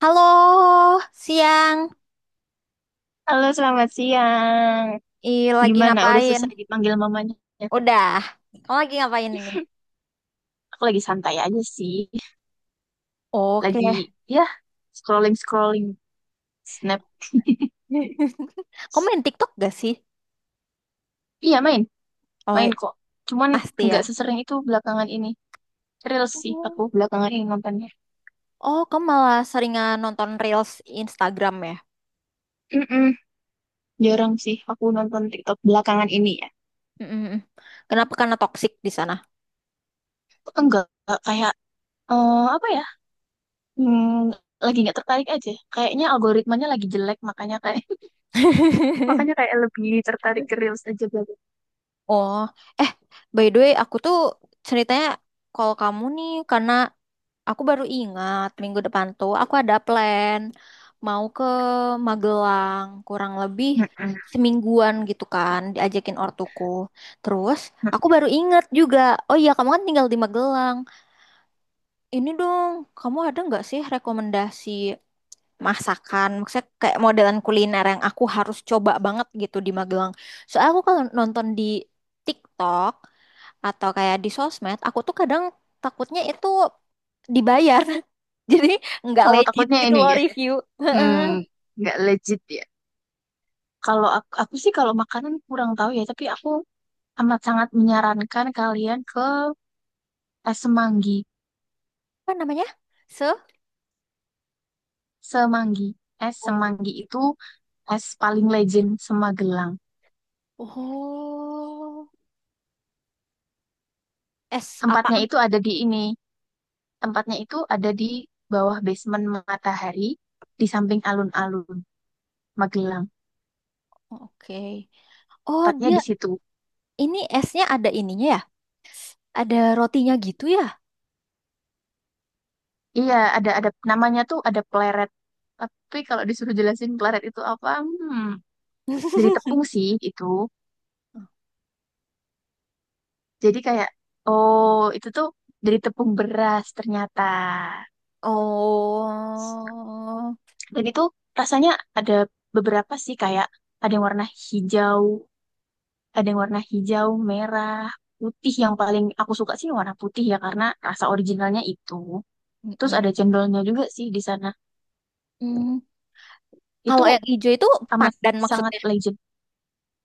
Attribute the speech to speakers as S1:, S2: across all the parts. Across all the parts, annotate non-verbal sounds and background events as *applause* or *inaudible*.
S1: Halo, siang.
S2: Halo, selamat siang.
S1: Ih, lagi
S2: Gimana? Udah
S1: ngapain?
S2: selesai dipanggil mamanya?
S1: Udah. Kamu lagi ngapain ini?
S2: Aku lagi santai aja sih.
S1: Oke.
S2: Lagi, ya, scrolling-scrolling snap.
S1: *laughs* Kamu main TikTok gak sih?
S2: Iya, main.
S1: Oh,
S2: Main kok. Cuman
S1: pasti
S2: nggak
S1: ya.
S2: sesering itu belakangan ini. Reels sih aku
S1: Oh,
S2: belakangan ini nontonnya.
S1: Oh, kamu malah seringan nonton Reels Instagram ya?
S2: Mm-mm,
S1: Mm,
S2: jarang sih aku nonton TikTok belakangan ini ya.
S1: mm, mm, mm. Kenapa? Karena toksik di sana.
S2: Enggak kayak, apa ya, hmm, lagi nggak tertarik aja. Kayaknya algoritmanya lagi jelek, makanya kayak *laughs* makanya
S1: *laughs*
S2: kayak lebih tertarik ke Reels aja belakangan.
S1: Oh, eh, by the way, aku tuh ceritanya kalau kamu nih karena aku baru ingat minggu depan tuh aku ada plan mau ke Magelang kurang lebih
S2: Mm-mm.
S1: semingguan gitu kan diajakin ortuku. Terus aku baru ingat juga, oh iya kamu kan tinggal di Magelang. Ini dong, kamu ada nggak sih rekomendasi masakan? Maksudnya kayak modelan kuliner yang aku harus coba banget gitu di Magelang. Soalnya aku kalau nonton di TikTok atau kayak di sosmed, aku tuh kadang takutnya itu dibayar. *laughs* *laughs* Jadi nggak
S2: Oh,
S1: legit
S2: takutnya
S1: gitu
S2: ini
S1: loh
S2: ya.
S1: review. Heeh.
S2: Hmm, nggak legit ya. Kalau aku, sih kalau makanan kurang tahu ya, tapi aku amat sangat menyarankan kalian ke es semanggi.
S1: Apa namanya? Se?
S2: Semanggi. Es
S1: Oh.
S2: semanggi itu es paling legend Semagelang.
S1: Oh. Es
S2: Tempatnya
S1: apaan?
S2: itu ada di ini. Tempatnya itu ada di bawah basement Matahari di samping alun-alun Magelang.
S1: Oke. Oh,
S2: Tempatnya
S1: dia
S2: di situ.
S1: ini esnya ada ininya ya? Ada rotinya gitu ya?
S2: Iya, ada namanya tuh ada pleret. Tapi kalau disuruh jelasin pleret itu apa? Dari
S1: *laughs*
S2: tepung sih itu. Jadi kayak, oh itu tuh dari tepung beras ternyata.
S1: Oh.
S2: Dan itu rasanya ada beberapa sih kayak ada yang warna hijau, ada yang warna hijau, merah, putih. Yang paling aku suka sih warna putih ya karena rasa originalnya itu. Terus ada
S1: Mm-mm.
S2: cendolnya juga sih di sana.
S1: Mm.
S2: Itu
S1: Kalau yang hijau itu
S2: amat
S1: pandan
S2: sangat
S1: maksudnya.
S2: legend.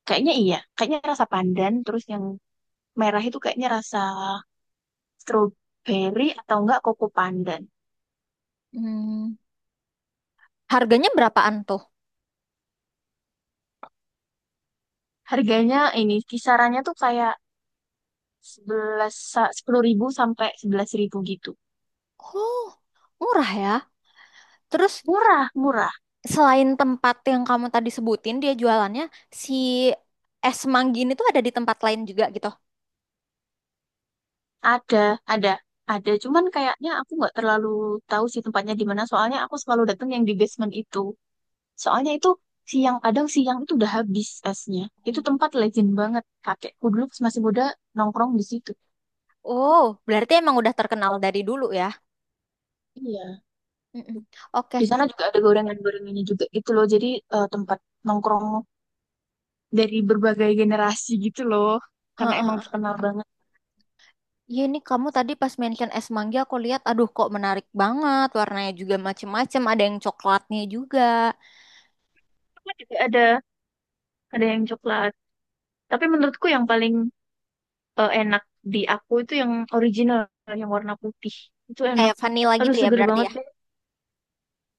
S2: Kayaknya iya, kayaknya rasa pandan. Terus yang merah itu kayaknya rasa strawberry atau enggak koko pandan.
S1: Hmm. Harganya berapaan tuh?
S2: Harganya ini kisarannya tuh kayak sebelas 10.000 sampai 11.000 gitu
S1: Oh, murah ya. Terus
S2: murah murah
S1: selain tempat yang kamu tadi sebutin, dia jualannya si es manggi ini tuh ada di tempat lain juga gitu.
S2: ada ada ada cuman kayaknya aku nggak terlalu tahu sih tempatnya di mana soalnya aku selalu datang yang di basement itu soalnya itu siang kadang siang itu udah habis esnya. Itu tempat legend banget. Kakekku dulu pas masih muda nongkrong di situ
S1: Oh, berarti emang udah terkenal dari dulu ya.
S2: iya.
S1: Mm-mm. Oke.
S2: Di sana juga ada gorengan-gorengannya juga gitu loh. Jadi tempat nongkrong dari berbagai generasi gitu loh karena emang
S1: Heeh.
S2: terkenal banget.
S1: Iya ini kamu tadi pas mention es mangga aku lihat, aduh kok menarik banget. Warnanya juga macem-macem, ada yang coklatnya juga.
S2: Cuma juga ada yang coklat. Tapi menurutku yang paling enak di aku itu yang original, yang warna putih. Itu enak.
S1: Kayak vanilla
S2: Aduh,
S1: gitu ya
S2: seger
S1: berarti
S2: banget.
S1: ya.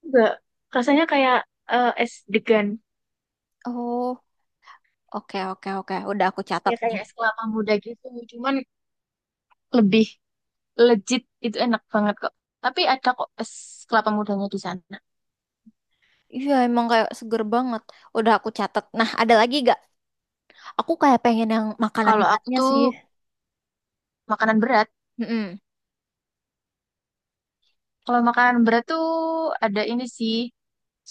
S2: Enggak. Rasanya kayak es degan.
S1: Oh, oke, oke, oke. Udah aku catat
S2: Ya
S1: nih.
S2: kayak es kelapa muda gitu. Cuman lebih legit. Itu enak banget kok. Tapi ada kok es kelapa mudanya di sana.
S1: Iya emang kayak seger banget. Udah aku catat. Nah, ada lagi gak? Aku kayak pengen yang makanan
S2: Kalau aku
S1: beratnya
S2: tuh
S1: sih.
S2: makanan berat.
S1: Mm-mm.
S2: Kalau makanan berat tuh ada ini sih.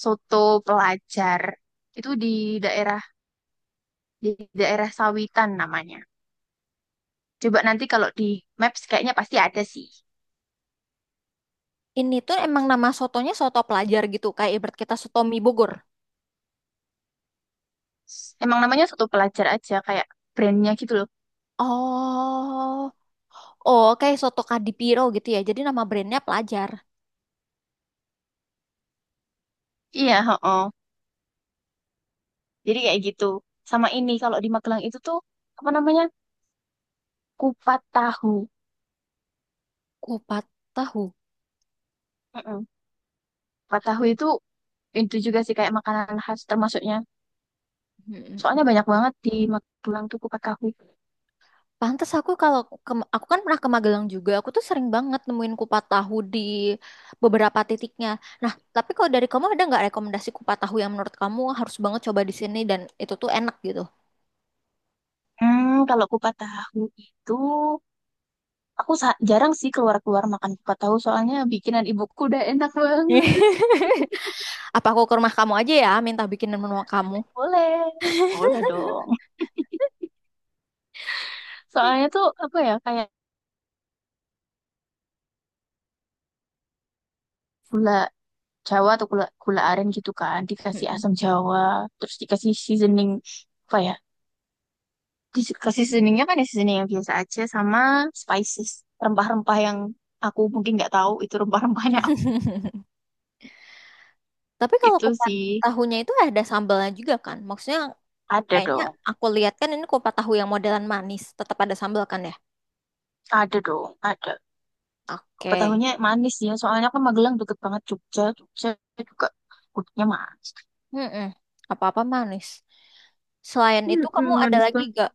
S2: Soto pelajar. Itu daerah di daerah Sawitan namanya. Coba nanti kalau di Maps kayaknya pasti ada sih.
S1: Ini tuh emang nama sotonya soto pelajar gitu, kayak ibarat kita soto mie Bogor.
S2: Emang namanya satu pelajar aja kayak brandnya gitu loh.
S1: Oh, oh kayak soto Kadipiro gitu ya. Jadi nama brandnya pelajar.
S2: Iya, oh jadi kayak gitu. Sama ini kalau di Magelang itu tuh apa namanya? Kupat tahu.
S1: Kupat tahu.
S2: Heeh. Kupat tahu itu juga sih kayak makanan khas termasuknya.
S1: Mm-mm.
S2: Soalnya banyak banget di Magelang tuh kupat tahu.
S1: Pantes aku kalau aku kan pernah ke Magelang juga, aku tuh sering banget nemuin kupat tahu di beberapa titiknya. Nah, tapi kalau dari kamu ada nggak rekomendasi kupat tahu yang menurut kamu harus banget coba di sini dan itu tuh enak gitu?
S2: Kalau kupat tahu itu jarang sih keluar-keluar makan kupat tahu soalnya bikinan ibuku udah enak banget.
S1: *laughs* Apa aku ke rumah kamu aja ya, minta bikinin menu kamu?
S2: Boleh. Boleh dong. *laughs* Soalnya tuh apa ya kayak gula Jawa atau gula gula aren gitu kan dikasih asam Jawa terus dikasih seasoning apa ya, dikasih seasoningnya kan ya seasoning yang biasa aja sama spices rempah-rempah yang aku mungkin nggak tahu itu rempah-rempahnya apa.
S1: *laughs* Tapi kalau
S2: Itu
S1: kupat
S2: sih
S1: tahunya itu ada sambalnya juga kan? Maksudnya
S2: ada
S1: kayaknya
S2: dong.
S1: aku lihat kan ini kupat tahu yang modelan manis, tetap ada sambal kan ya?
S2: Ada dong ada.
S1: Oke.
S2: Ketahuinya manis ya soalnya kan Magelang deket banget Jogja Jogja juga gudegnya manis.
S1: Mm-mm. Apa-apa manis. Selain itu
S2: Mm-mm,
S1: kamu ada
S2: manis
S1: lagi
S2: banget.
S1: gak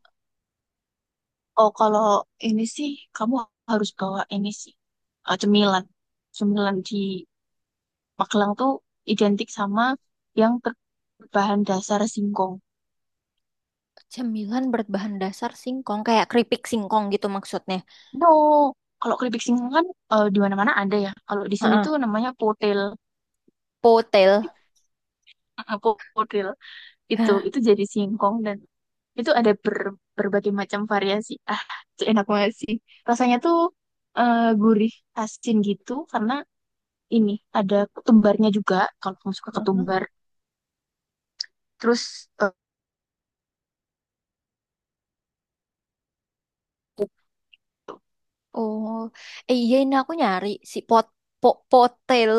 S2: Oh kalau ini sih kamu harus bawa ini sih, cemilan. Cemilan di Magelang tuh identik sama yang berbahan dasar singkong.
S1: cemilan berbahan dasar singkong kayak keripik singkong gitu maksudnya?
S2: No, kalau keripik singkong kan di mana-mana ada ya. Kalau di sini tuh
S1: Heeh.
S2: namanya potel,
S1: Potel.
S2: *laughs* potel
S1: Hah.
S2: itu jadi singkong dan itu ada berbagai macam variasi. *laughs* Ah, itu enak banget sih. Rasanya tuh gurih, asin gitu karena ini ada ketumbarnya juga. Kalau kamu suka
S1: Heeh.
S2: ketumbar, terus eh,
S1: Oh, iya ini aku nyari si potel.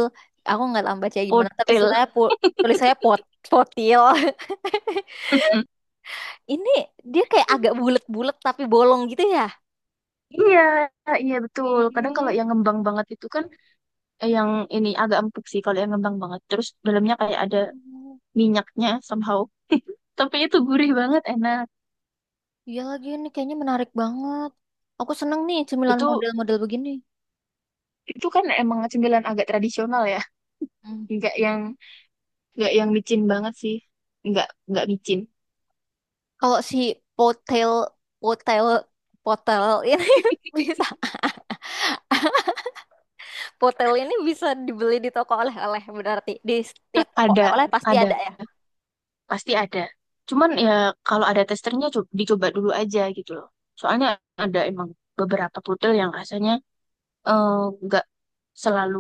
S1: Aku nggak tahu bacanya gimana, tapi
S2: potel.
S1: sebenarnya po, tulis saya potil. *laughs*
S2: *laughs*
S1: Ini dia kayak agak bulat-bulat tapi bolong gitu ya.
S2: Iya, iya betul. Kadang kalau
S1: Ih,
S2: yang ngembang banget itu kan yang ini agak empuk sih kalau yang ngembang banget. Terus dalamnya kayak ada minyaknya somehow. Tapi itu gurih banget, enak.
S1: iya lagi ini kayaknya menarik banget. Aku seneng nih cemilan
S2: Itu
S1: model-model begini.
S2: itu kan emang cemilan agak tradisional ya.
S1: Hmm.
S2: Nggak yang nggak yang micin banget sih. Nggak nggak micin.
S1: Kalau si potel, potel, potel ini *laughs* bisa, potel ini bisa dibeli di toko oleh-oleh berarti di setiap
S2: *laughs*
S1: toko
S2: Ada,
S1: oleh-oleh pasti
S2: ada,
S1: ada ya.
S2: pasti ada. Cuman ya kalau ada testernya dicoba dulu aja gitu loh. Soalnya ada emang beberapa pudel yang rasanya eh, nggak selalu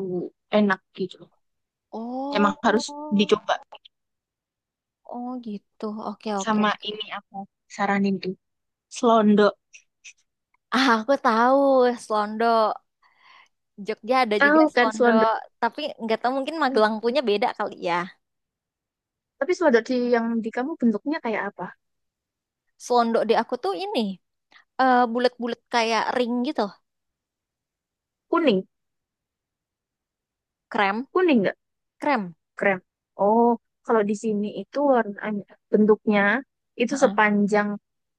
S2: enak gitu loh. Emang harus
S1: Oh,
S2: dicoba.
S1: oh gitu. Oke, oke,
S2: Sama
S1: oke.
S2: ini aku saranin tuh selondok.
S1: Ah, aku tahu, Slondo. Jogja ada juga
S2: Tahu kan
S1: Slondo,
S2: selondok?
S1: tapi nggak tahu mungkin Magelang
S2: Hmm.
S1: punya beda kali ya.
S2: Tapi selondok di yang di kamu bentuknya kayak apa?
S1: Slondo di aku tuh ini bulat-bulat kayak ring gitu,
S2: Kuning.
S1: krem,
S2: Kuning nggak?
S1: krem.
S2: Krem. Oh, kalau di sini itu warnanya bentuknya itu
S1: Heeh.
S2: sepanjang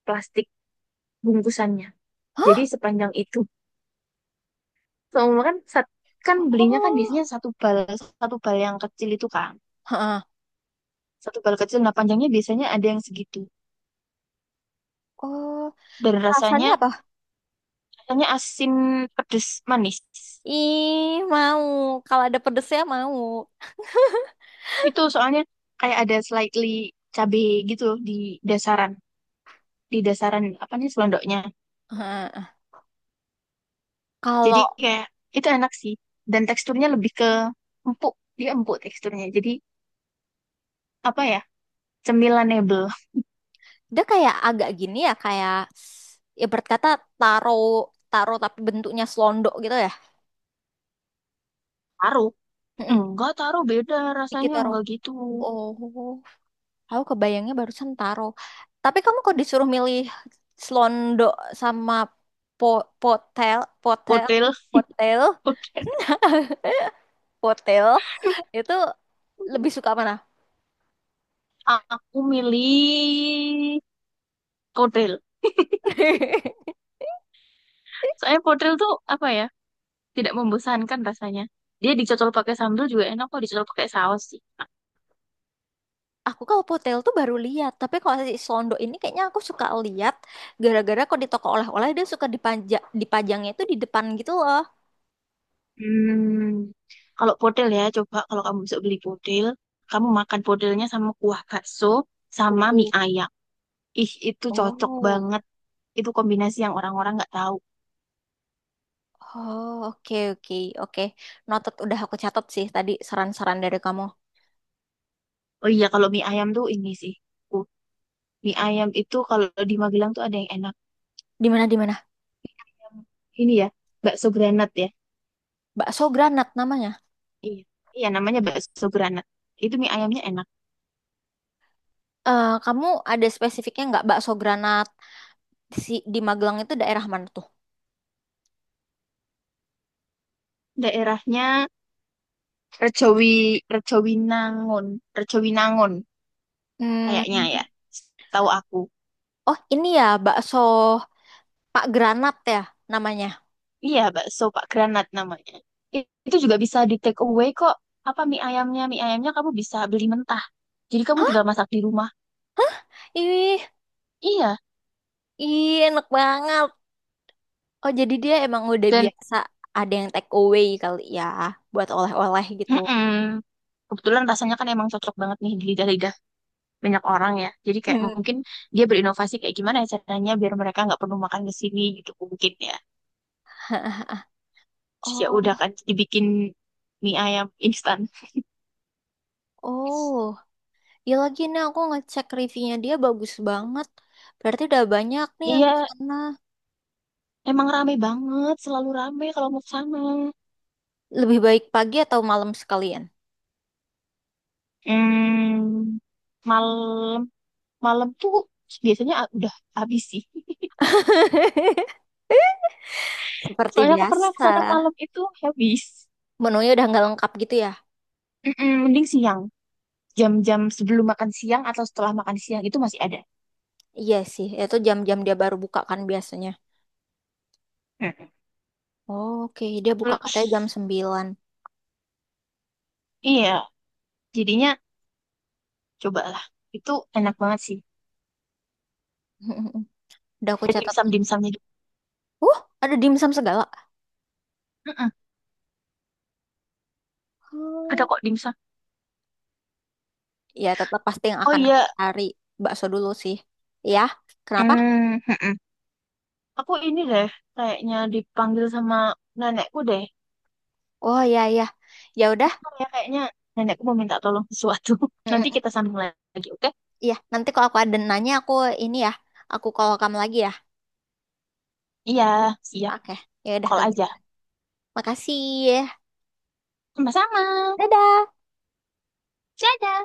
S2: plastik bungkusannya.
S1: Hah?
S2: Jadi sepanjang itu. Soalnya kan belinya kan
S1: Oh,
S2: biasanya satu bal, satu bal yang kecil itu kan.
S1: heeh.
S2: Satu bal kecil nah panjangnya biasanya ada yang segitu.
S1: Oh,
S2: Dan
S1: rasanya
S2: rasanya
S1: apa?
S2: rasanya asin pedes manis.
S1: Ih, mau. Kalau ada pedesnya mau.
S2: Itu soalnya kayak ada slightly cabe gitu loh dasaran, di dasaran apa nih selondoknya.
S1: Heeh.
S2: Jadi
S1: Kalau
S2: kayak itu enak sih dan teksturnya lebih ke empuk, dia empuk teksturnya. Jadi apa ya? Cemilan nebel.
S1: dia kayak agak gini ya, kayak ya berkata taro, taro tapi bentuknya slondo gitu ya.
S2: Taruh.
S1: Mm.
S2: Enggak, taruh beda
S1: Dikit
S2: rasanya
S1: taro.
S2: enggak gitu.
S1: Oh. Aku kebayangnya barusan taro. Tapi kamu kok disuruh milih Slondo sama po potel, potel,
S2: Hotel,
S1: potel, potel, itu lebih suka mana?
S2: aku milih hotel.
S1: *laughs*
S2: Soalnya hotel tuh apa ya? Tidak membosankan rasanya. Dia dicocol pakai sambal juga enak kok dicocol pakai saus sih.
S1: Aku kalau potel tuh baru lihat, tapi kalau si Slondo ini kayaknya aku suka lihat gara-gara kok di toko oleh-oleh dia suka dipajangnya itu di depan gitu loh.
S2: Hmm, kalau podel ya, coba kalau kamu bisa beli podel, kamu makan podelnya sama kuah bakso sama mie
S1: Oh.
S2: ayam. Ih, itu cocok banget.
S1: Oh,
S2: Itu kombinasi yang orang-orang nggak tahu.
S1: oh, oke, oke, oke. Noted udah aku catat sih tadi saran-saran dari kamu.
S2: Oh iya, kalau mie ayam tuh ini sih. Uh, mie ayam itu kalau di Magelang tuh ada yang enak.
S1: Di mana di mana?
S2: Yang ini ya, bakso granat ya.
S1: Bakso Granat namanya.
S2: Iya, iya namanya bakso granat. Itu mie ayamnya enak.
S1: Eh, kamu ada spesifiknya nggak bakso granat si di Magelang itu daerah mana tuh?
S2: Daerahnya Rejowi, Rejowinangun, Rejowinangun kayaknya
S1: Hmm.
S2: ya. Tahu aku.
S1: Oh ini ya bakso Pak Granat ya namanya.
S2: Iya, bakso Pak Granat namanya. Itu juga bisa di take away kok. Apa mie ayamnya? Mie ayamnya kamu bisa beli mentah. Jadi kamu
S1: Hah?
S2: tinggal masak di rumah.
S1: Ih,
S2: Iya.
S1: ih enak banget. Oh jadi dia emang udah
S2: Dan
S1: biasa ada yang take away kali ya buat oleh-oleh gitu.
S2: mm-mm, kebetulan rasanya kan emang cocok banget nih di lidah-lidah banyak orang ya. Jadi kayak
S1: Hmm.
S2: mungkin dia berinovasi kayak gimana ya caranya biar mereka nggak perlu makan ke sini gitu mungkin ya.
S1: *laughs*
S2: Terus ya udah
S1: Oh,
S2: kan dibikin mie ayam instan.
S1: oh, ya lagi nih aku ngecek reviewnya dia bagus banget. Berarti udah banyak nih yang
S2: Iya,
S1: kesana.
S2: emang rame banget, selalu rame kalau mau ke sana.
S1: Lebih baik pagi atau malam sekalian?
S2: Hmm, malam. Malam tuh biasanya udah habis sih. *laughs*
S1: *laughs* Seperti
S2: Soalnya aku pernah
S1: biasa.
S2: kesana malam itu habis.
S1: Menunya udah nggak lengkap gitu ya?
S2: Mm-mm, mending siang. Jam-jam sebelum makan siang atau setelah makan siang itu masih ada.
S1: Iya sih, itu jam-jam dia baru buka kan biasanya.
S2: Mm.
S1: Oke, dia buka
S2: Terus,
S1: katanya jam 9.
S2: iya. Jadinya cobalah. Itu enak banget sih.
S1: *laughs* Udah aku
S2: Ada
S1: catat.
S2: dimsum-dimsumnya juga.
S1: Uh, ada dimsum segala.
S2: Mm-mm, ada
S1: Hmm.
S2: kok dimsum.
S1: Ya, tetap pasti yang
S2: Oh
S1: akan aku
S2: iya.
S1: cari bakso dulu sih. Ya, kenapa?
S2: Mm, mm-mm. Aku ini deh. Kayaknya dipanggil sama nenekku deh.
S1: Oh ya ya. Ya udah.
S2: Bentar ya kayaknya nenekku mau minta tolong sesuatu. *laughs*
S1: *laughs*
S2: Nanti
S1: Mm-mm.
S2: kita sambung lagi, oke?
S1: Iya, nanti kalau aku ada nanya aku ini ya, aku call kamu lagi ya.
S2: Iya, siap.
S1: Oke, ya udah
S2: Call
S1: ke
S2: aja.
S1: kita. Makasih ya.
S2: Sama-sama.
S1: Dadah.
S2: Dadah.